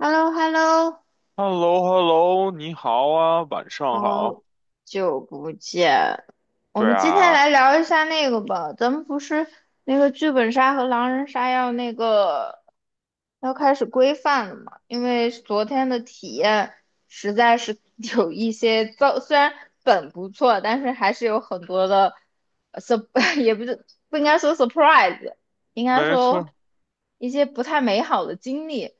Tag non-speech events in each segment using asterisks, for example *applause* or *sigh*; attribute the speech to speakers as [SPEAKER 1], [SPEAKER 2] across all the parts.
[SPEAKER 1] h e l l o h e l l o
[SPEAKER 2] h e l l o h e l l o 你好啊，晚上
[SPEAKER 1] 好
[SPEAKER 2] 好。
[SPEAKER 1] 久不见，我
[SPEAKER 2] 对
[SPEAKER 1] 们今天来
[SPEAKER 2] 啊。
[SPEAKER 1] 聊一下那个吧。咱们不是那个剧本杀和狼人杀要那个要开始规范了嘛？因为昨天的体验实在是 *laughs* 有一些糟，虽然本不错，但是还是有很多的 sur *laughs* 也不是不应该说 surprise，应该
[SPEAKER 2] 没
[SPEAKER 1] 说
[SPEAKER 2] 错。
[SPEAKER 1] 一些不太美好的经历。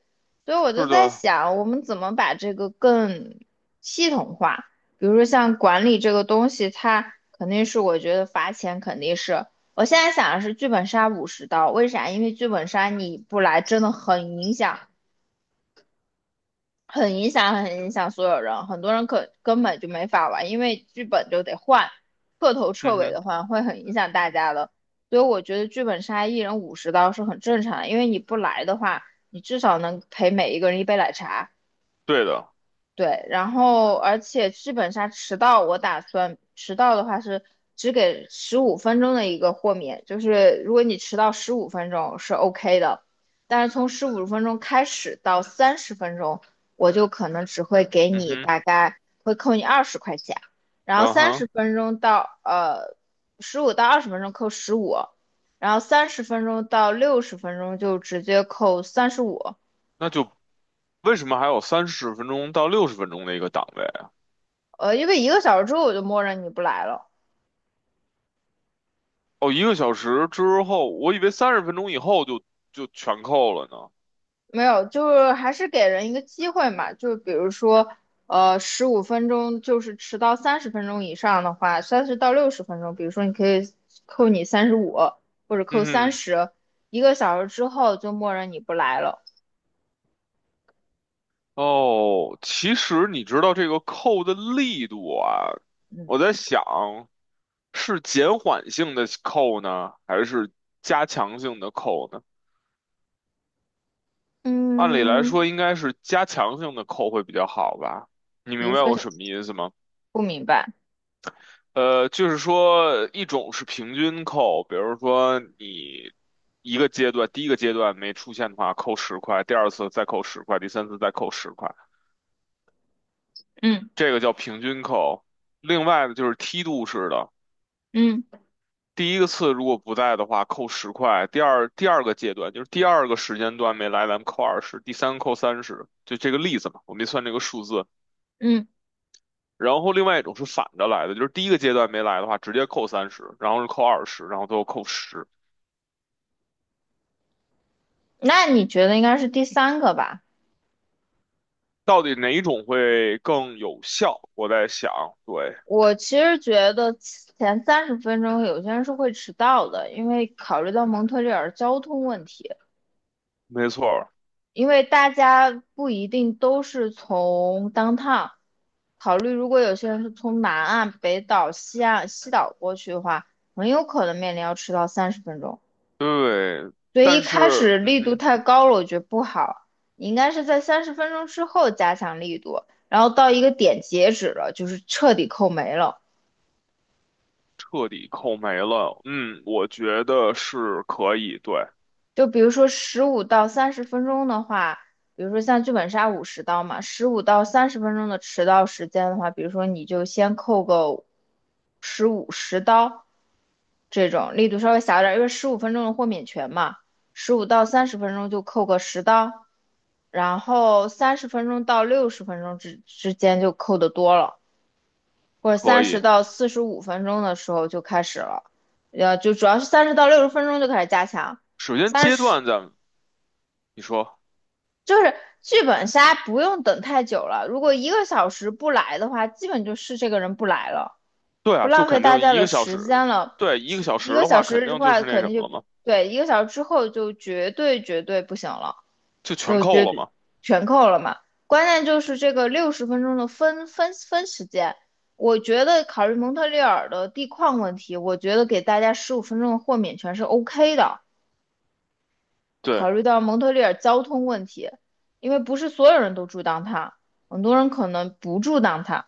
[SPEAKER 1] 所以我就
[SPEAKER 2] 是
[SPEAKER 1] 在
[SPEAKER 2] 的。
[SPEAKER 1] 想，我们怎么把这个更系统化？比如说像管理这个东西，它肯定是我觉得罚钱肯定是。我现在想的是剧本杀五十刀，为啥？因为剧本杀你不来真的很影响，很影响，很影响所有人。很多人可根本就没法玩，因为剧本就得换，彻头彻
[SPEAKER 2] 嗯
[SPEAKER 1] 尾
[SPEAKER 2] 哼。
[SPEAKER 1] 的换，会很影响大家的。所以我觉得剧本杀一人五十刀是很正常的，因为你不来的话，你至少能陪每一个人一杯奶茶。
[SPEAKER 2] 对的。
[SPEAKER 1] 对，然后而且基本上迟到，我打算迟到的话是只给十五分钟的一个豁免，就是如果你迟到十五分钟是 OK 的，但是从十五分钟开始到三十分钟，我就可能只会给
[SPEAKER 2] 嗯
[SPEAKER 1] 你
[SPEAKER 2] 哼。
[SPEAKER 1] 大概会扣你20块钱，然后
[SPEAKER 2] 嗯
[SPEAKER 1] 三十
[SPEAKER 2] 哼。
[SPEAKER 1] 分钟到15到20分钟扣十五，然后三十分钟到六十分钟就直接扣三十五，
[SPEAKER 2] 那就为什么还有30分钟到60分钟的一个档位啊？
[SPEAKER 1] 因为一个小时之后我就默认你不来了。
[SPEAKER 2] 哦，一个小时之后，我以为三十分钟以后就全扣了呢。
[SPEAKER 1] 没有，就是还是给人一个机会嘛，就比如说，十五分钟，就是迟到三十分钟以上的话，三十到六十分钟，比如说你可以扣你三十五或者扣三
[SPEAKER 2] 嗯
[SPEAKER 1] 十，一个小时之后就默认你不来了。
[SPEAKER 2] 哼。哦，其实你知道这个扣的力度啊，
[SPEAKER 1] 嗯
[SPEAKER 2] 我在想是减缓性的扣呢，还是加强性的扣呢？按理来说
[SPEAKER 1] 嗯，
[SPEAKER 2] 应该是加强性的扣会比较好吧？你
[SPEAKER 1] 比
[SPEAKER 2] 明
[SPEAKER 1] 如
[SPEAKER 2] 白
[SPEAKER 1] 说
[SPEAKER 2] 我
[SPEAKER 1] 是
[SPEAKER 2] 什么意思吗？
[SPEAKER 1] 不明白，
[SPEAKER 2] 就是说一种是平均扣，比如说你一个阶段，第一个阶段没出现的话扣十块，第二次再扣十块，第三次再扣十块，
[SPEAKER 1] 嗯
[SPEAKER 2] 这个叫平均扣。另外呢，就是梯度式的，
[SPEAKER 1] 嗯
[SPEAKER 2] 第一个次如果不在的话扣十块，第二个阶段就是第二个时间段没来，咱们扣二十，第三个扣三十，就这个例子嘛，我没算这个数字。
[SPEAKER 1] 嗯，
[SPEAKER 2] 然后另外一种是反着来的，就是第一个阶段没来的话，直接扣三十，然后是扣二十，然后最后扣十。
[SPEAKER 1] 那你觉得应该是第三个吧？
[SPEAKER 2] 到底哪一种会更有效？我在想。对。
[SPEAKER 1] 我其实觉得前三十分钟有些人是会迟到的，因为考虑到蒙特利尔交通问题。
[SPEAKER 2] 没错儿。
[SPEAKER 1] 因为大家不一定都是从 downtown 考虑，如果有些人是从南岸、北岛、西岸、西岛过去的话，很有可能面临要迟到三十分钟。
[SPEAKER 2] 对。
[SPEAKER 1] 所以一
[SPEAKER 2] 但
[SPEAKER 1] 开
[SPEAKER 2] 是，
[SPEAKER 1] 始
[SPEAKER 2] 嗯
[SPEAKER 1] 力度
[SPEAKER 2] 哼，
[SPEAKER 1] 太高了，我觉得不好。你应该是在三十分钟之后加强力度，然后到一个点截止了，就是彻底扣没了。
[SPEAKER 2] 彻底扣没了，嗯，我觉得是可以。对，
[SPEAKER 1] 就比如说十五到三十分钟的话，比如说像剧本杀五十刀嘛，十五到三十分钟的迟到时间的话，比如说你就先扣个十刀，这种力度稍微小一点因为十五分钟的豁免权嘛，十五到三十分钟就扣个十刀，然后三十分钟到六十分钟之间就扣的多了，或者
[SPEAKER 2] 可
[SPEAKER 1] 三十
[SPEAKER 2] 以。
[SPEAKER 1] 到四十五分钟的时候就开始了，就主要是三十到六十分钟就开始加强。
[SPEAKER 2] 首先
[SPEAKER 1] 三
[SPEAKER 2] 阶
[SPEAKER 1] 十
[SPEAKER 2] 段咱们你说。
[SPEAKER 1] 就是剧本杀不用等太久了，如果一个小时不来的话，基本就是这个人不来了，
[SPEAKER 2] 对
[SPEAKER 1] 不
[SPEAKER 2] 啊，就
[SPEAKER 1] 浪费
[SPEAKER 2] 肯
[SPEAKER 1] 大
[SPEAKER 2] 定
[SPEAKER 1] 家
[SPEAKER 2] 一
[SPEAKER 1] 的
[SPEAKER 2] 个小
[SPEAKER 1] 时
[SPEAKER 2] 时。
[SPEAKER 1] 间了。
[SPEAKER 2] 对，一个
[SPEAKER 1] 是
[SPEAKER 2] 小
[SPEAKER 1] 一
[SPEAKER 2] 时
[SPEAKER 1] 个
[SPEAKER 2] 的
[SPEAKER 1] 小
[SPEAKER 2] 话，肯
[SPEAKER 1] 时的
[SPEAKER 2] 定就
[SPEAKER 1] 话，
[SPEAKER 2] 是那
[SPEAKER 1] 肯
[SPEAKER 2] 什
[SPEAKER 1] 定
[SPEAKER 2] 么了
[SPEAKER 1] 就
[SPEAKER 2] 嘛，
[SPEAKER 1] 对，一个小时之后就绝对绝对不行了，
[SPEAKER 2] 就全
[SPEAKER 1] 就
[SPEAKER 2] 扣
[SPEAKER 1] 绝
[SPEAKER 2] 了
[SPEAKER 1] 对
[SPEAKER 2] 嘛。
[SPEAKER 1] 全扣了嘛。关键就是这个六十分钟的分时间，我觉得考虑蒙特利尔的地况问题，我觉得给大家十五分钟的豁免权是 OK 的。
[SPEAKER 2] 对。
[SPEAKER 1] 考虑到蒙特利尔交通问题，因为不是所有人都住当 o 很多人可能不住当 o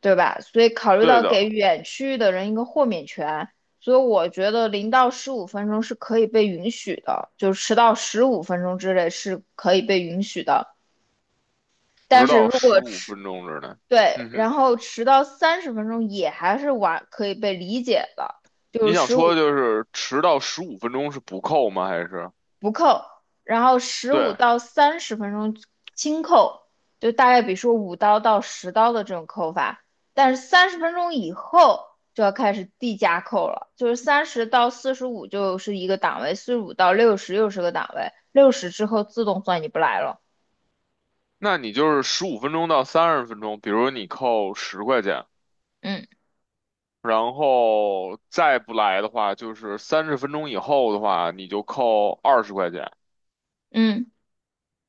[SPEAKER 1] 对吧？所以考虑
[SPEAKER 2] 对
[SPEAKER 1] 到给
[SPEAKER 2] 的。
[SPEAKER 1] 远区域的人一个豁免权，所以我觉得0到15分钟是可以被允许的，就迟到十五分钟之内是可以被允许的。但
[SPEAKER 2] 十
[SPEAKER 1] 是
[SPEAKER 2] 到
[SPEAKER 1] 如
[SPEAKER 2] 十
[SPEAKER 1] 果
[SPEAKER 2] 五
[SPEAKER 1] 迟，
[SPEAKER 2] 分钟之内。
[SPEAKER 1] 对，
[SPEAKER 2] 嗯
[SPEAKER 1] 然
[SPEAKER 2] 哼。
[SPEAKER 1] 后迟到三十分钟也还是晚，可以被理解的，就
[SPEAKER 2] 你
[SPEAKER 1] 是
[SPEAKER 2] 想
[SPEAKER 1] 十五
[SPEAKER 2] 说就是迟到十五分钟是不扣吗？还是
[SPEAKER 1] 不扣，然后十五
[SPEAKER 2] 对？
[SPEAKER 1] 到三十分钟轻扣，就大概比如说5刀到10刀的这种扣法，但是三十分钟以后就要开始递加扣了，就是三十到四十五就是一个档位，四十五到六十又是个档位，六十之后自动算你不来了。
[SPEAKER 2] 那你就是15分钟到30分钟，比如你扣十块钱，
[SPEAKER 1] 嗯
[SPEAKER 2] 然后再不来的话，就是三十分钟以后的话，你就扣二十块钱，
[SPEAKER 1] 嗯，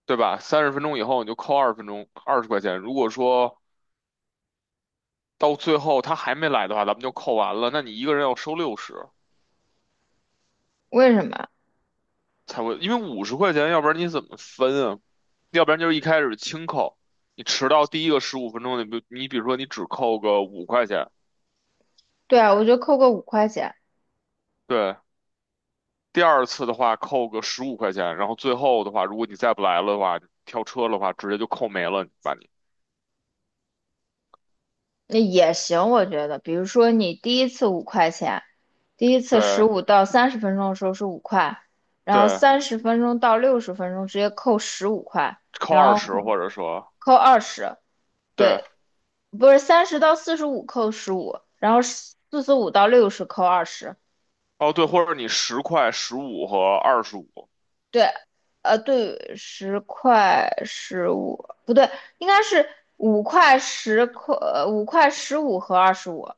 [SPEAKER 2] 对吧？三十分钟以后你就扣20分钟二十块钱。如果说到最后他还没来的话，咱们就扣完了，那你一个人要收六十。
[SPEAKER 1] 为什么？
[SPEAKER 2] 才会，因为50块钱，要不然你怎么分啊？要不然就是一开始轻扣，你迟到第一个十五分钟，你比如说你只扣个五块钱。
[SPEAKER 1] 对啊，我就扣个五块钱。
[SPEAKER 2] 对。第二次的话扣个十五块钱，然后最后的话，如果你再不来了的话，你跳车的话直接就扣没了，把你。
[SPEAKER 1] 那也行，我觉得，比如说你第一次五块钱，第一次十
[SPEAKER 2] 对。
[SPEAKER 1] 五到三十分钟的时候是五块，然后
[SPEAKER 2] 对，
[SPEAKER 1] 三十分钟到六十分钟直接扣十五块，
[SPEAKER 2] 扣
[SPEAKER 1] 然
[SPEAKER 2] 二
[SPEAKER 1] 后
[SPEAKER 2] 十
[SPEAKER 1] 后
[SPEAKER 2] 或者说
[SPEAKER 1] 扣二十，对，
[SPEAKER 2] 对。
[SPEAKER 1] 不是三十到四十五扣十五，然后四十五到六十扣二十，
[SPEAKER 2] 哦对，或者你10、15和25。
[SPEAKER 1] 对，对，十块十五，不对，应该是五块十块，五块十五和二十五。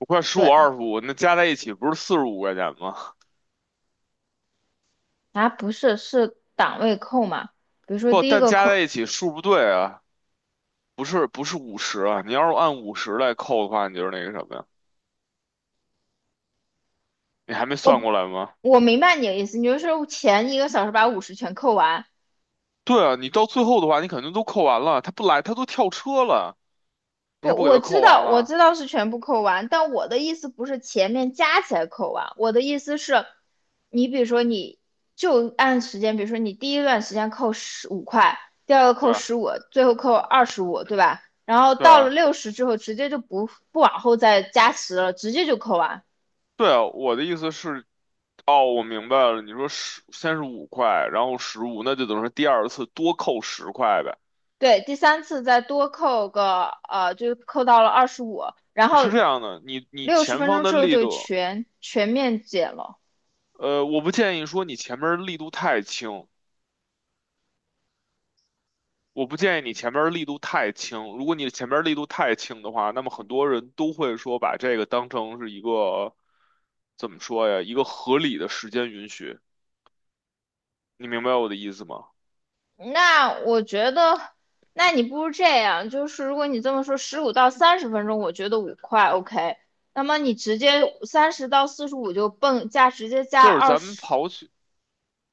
[SPEAKER 2] 五块、十五、
[SPEAKER 1] 对。
[SPEAKER 2] 二十五，那加在一起不是45块钱吗？*laughs*
[SPEAKER 1] 啊，不是，是档位扣嘛？比如说
[SPEAKER 2] 不，
[SPEAKER 1] 第一
[SPEAKER 2] 但
[SPEAKER 1] 个
[SPEAKER 2] 加在
[SPEAKER 1] 扣，
[SPEAKER 2] 一起数不对啊，不是不是五十啊，你要是按五十来扣的话，你就是那个什么呀？你还没算
[SPEAKER 1] 哦，
[SPEAKER 2] 过来吗？
[SPEAKER 1] 我明白你的意思，你就是前一个小时把五十全扣完。
[SPEAKER 2] 对啊，你到最后的话，你肯定都扣完了，他不来，他都跳车了，你还
[SPEAKER 1] 不，
[SPEAKER 2] 不给
[SPEAKER 1] 我
[SPEAKER 2] 他
[SPEAKER 1] 知
[SPEAKER 2] 扣完
[SPEAKER 1] 道，我
[SPEAKER 2] 了？
[SPEAKER 1] 知道是全部扣完，但我的意思不是前面加起来扣完，我的意思是，你比如说你就按时间，比如说你第一段时间扣十五块，第二个
[SPEAKER 2] 对
[SPEAKER 1] 扣
[SPEAKER 2] 啊。
[SPEAKER 1] 十五，最后扣二十五，对吧？然后
[SPEAKER 2] 对
[SPEAKER 1] 到了
[SPEAKER 2] 啊。
[SPEAKER 1] 六十之后，直接就不往后再加十了，直接就扣完。
[SPEAKER 2] 对啊，我的意思是，哦，我明白了，你说十先是五块，然后十五，那就等于说第二次多扣十块呗。
[SPEAKER 1] 对，第三次再多扣个就扣到了二十五，然
[SPEAKER 2] 是
[SPEAKER 1] 后
[SPEAKER 2] 这样的，你
[SPEAKER 1] 六十
[SPEAKER 2] 前
[SPEAKER 1] 分
[SPEAKER 2] 方
[SPEAKER 1] 钟
[SPEAKER 2] 的
[SPEAKER 1] 之后
[SPEAKER 2] 力
[SPEAKER 1] 就
[SPEAKER 2] 度，
[SPEAKER 1] 全面减了。
[SPEAKER 2] 我不建议说你前面力度太轻，我不建议你前面儿力度太轻。如果你前面儿力度太轻的话，那么很多人都会说把这个当成是一个怎么说呀？一个合理的时间允许。你明白我的意思吗？
[SPEAKER 1] 那我觉得，那你不如这样，就是如果你这么说，十五到三十分钟，我觉得五块 OK。那么你直接三十到四十五就蹦加，直接加
[SPEAKER 2] 就是
[SPEAKER 1] 二
[SPEAKER 2] 咱们
[SPEAKER 1] 十，
[SPEAKER 2] 刨去，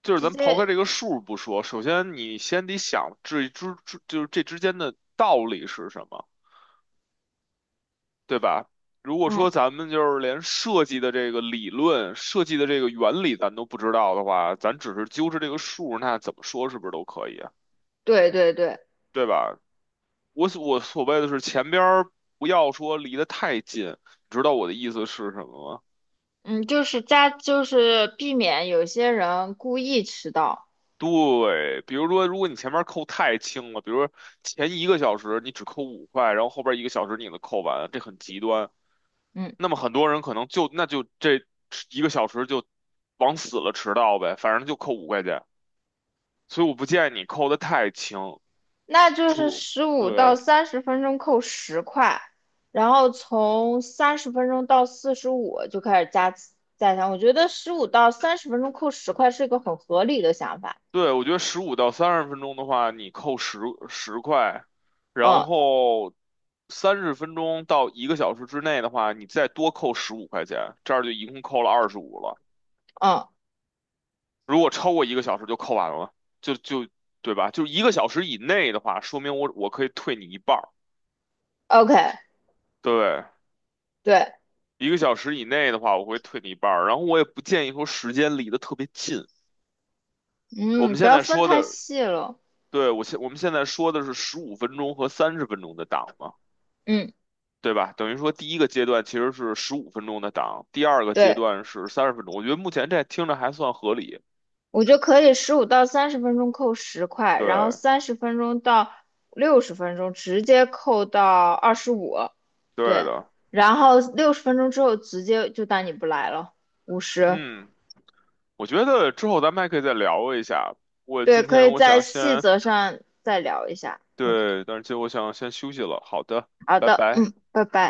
[SPEAKER 2] 就是咱
[SPEAKER 1] 直
[SPEAKER 2] 们刨开
[SPEAKER 1] 接
[SPEAKER 2] 这个数不说，首先你先得想这就是这之间的道理是什么，对吧？如果
[SPEAKER 1] 嗯，
[SPEAKER 2] 说咱们就是连设计的这个理论、设计的这个原理咱都不知道的话，咱只是揪着这个数，那怎么说是不是都可以啊
[SPEAKER 1] 对对对，
[SPEAKER 2] 对吧？我所谓的是前边儿不要说离得太近，你知道我的意思是什么吗？
[SPEAKER 1] 嗯，就是加，就是避免有些人故意迟到。
[SPEAKER 2] 对，比如说，如果你前面扣太轻了，比如说前一个小时你只扣五块，然后后边一个小时你给它扣完，这很极端。
[SPEAKER 1] 嗯。
[SPEAKER 2] 那么很多人可能就那就这一个小时就往死了迟到呗，反正就扣五块钱。所以我不建议你扣得太轻。
[SPEAKER 1] 那就是十五到
[SPEAKER 2] 对。
[SPEAKER 1] 三十分钟扣十块，然后从30分钟到45就开始加强。我觉得十五到三十分钟扣十块是一个很合理的想法。
[SPEAKER 2] 对，我觉得15到30分钟的话，你扣十块，然
[SPEAKER 1] 嗯
[SPEAKER 2] 后三十分钟到一个小时之内的话，你再多扣十五块钱，这样就一共扣了二十五了。
[SPEAKER 1] 嗯
[SPEAKER 2] 如果超过一个小时就扣完了，就就对吧？就是一个小时以内的话，说明我可以退你一半儿。
[SPEAKER 1] ，OK，
[SPEAKER 2] 对，
[SPEAKER 1] 对，
[SPEAKER 2] 一个小时以内的话，我会退你一半儿。然后我也不建议说时间离得特别近。我
[SPEAKER 1] 嗯，
[SPEAKER 2] 们
[SPEAKER 1] 不
[SPEAKER 2] 现
[SPEAKER 1] 要
[SPEAKER 2] 在
[SPEAKER 1] 分
[SPEAKER 2] 说
[SPEAKER 1] 太
[SPEAKER 2] 的，
[SPEAKER 1] 细了。
[SPEAKER 2] 对，我们现在说的是15分钟和30分钟的档嘛。
[SPEAKER 1] 嗯，
[SPEAKER 2] 对吧？等于说第一个阶段其实是十五分钟的档，第二个阶
[SPEAKER 1] 对。
[SPEAKER 2] 段是三十分钟。我觉得目前这听着还算合理。
[SPEAKER 1] 我觉得可以十五到三十分钟扣十块，然后
[SPEAKER 2] 对。
[SPEAKER 1] 三十分钟到六十分钟直接扣到二十五，
[SPEAKER 2] 对
[SPEAKER 1] 对，
[SPEAKER 2] 的。
[SPEAKER 1] 然后六十分钟之后直接就当你不来了，五十，
[SPEAKER 2] 嗯，我觉得之后咱们还可以再聊一下。我
[SPEAKER 1] 对，
[SPEAKER 2] 今
[SPEAKER 1] 可以
[SPEAKER 2] 天我
[SPEAKER 1] 在
[SPEAKER 2] 想
[SPEAKER 1] 细
[SPEAKER 2] 先，
[SPEAKER 1] 则上再聊一下。嗯，
[SPEAKER 2] 对，但是今天我想先休息了。好的。
[SPEAKER 1] 好
[SPEAKER 2] 拜
[SPEAKER 1] 的，
[SPEAKER 2] 拜。
[SPEAKER 1] 嗯，拜拜。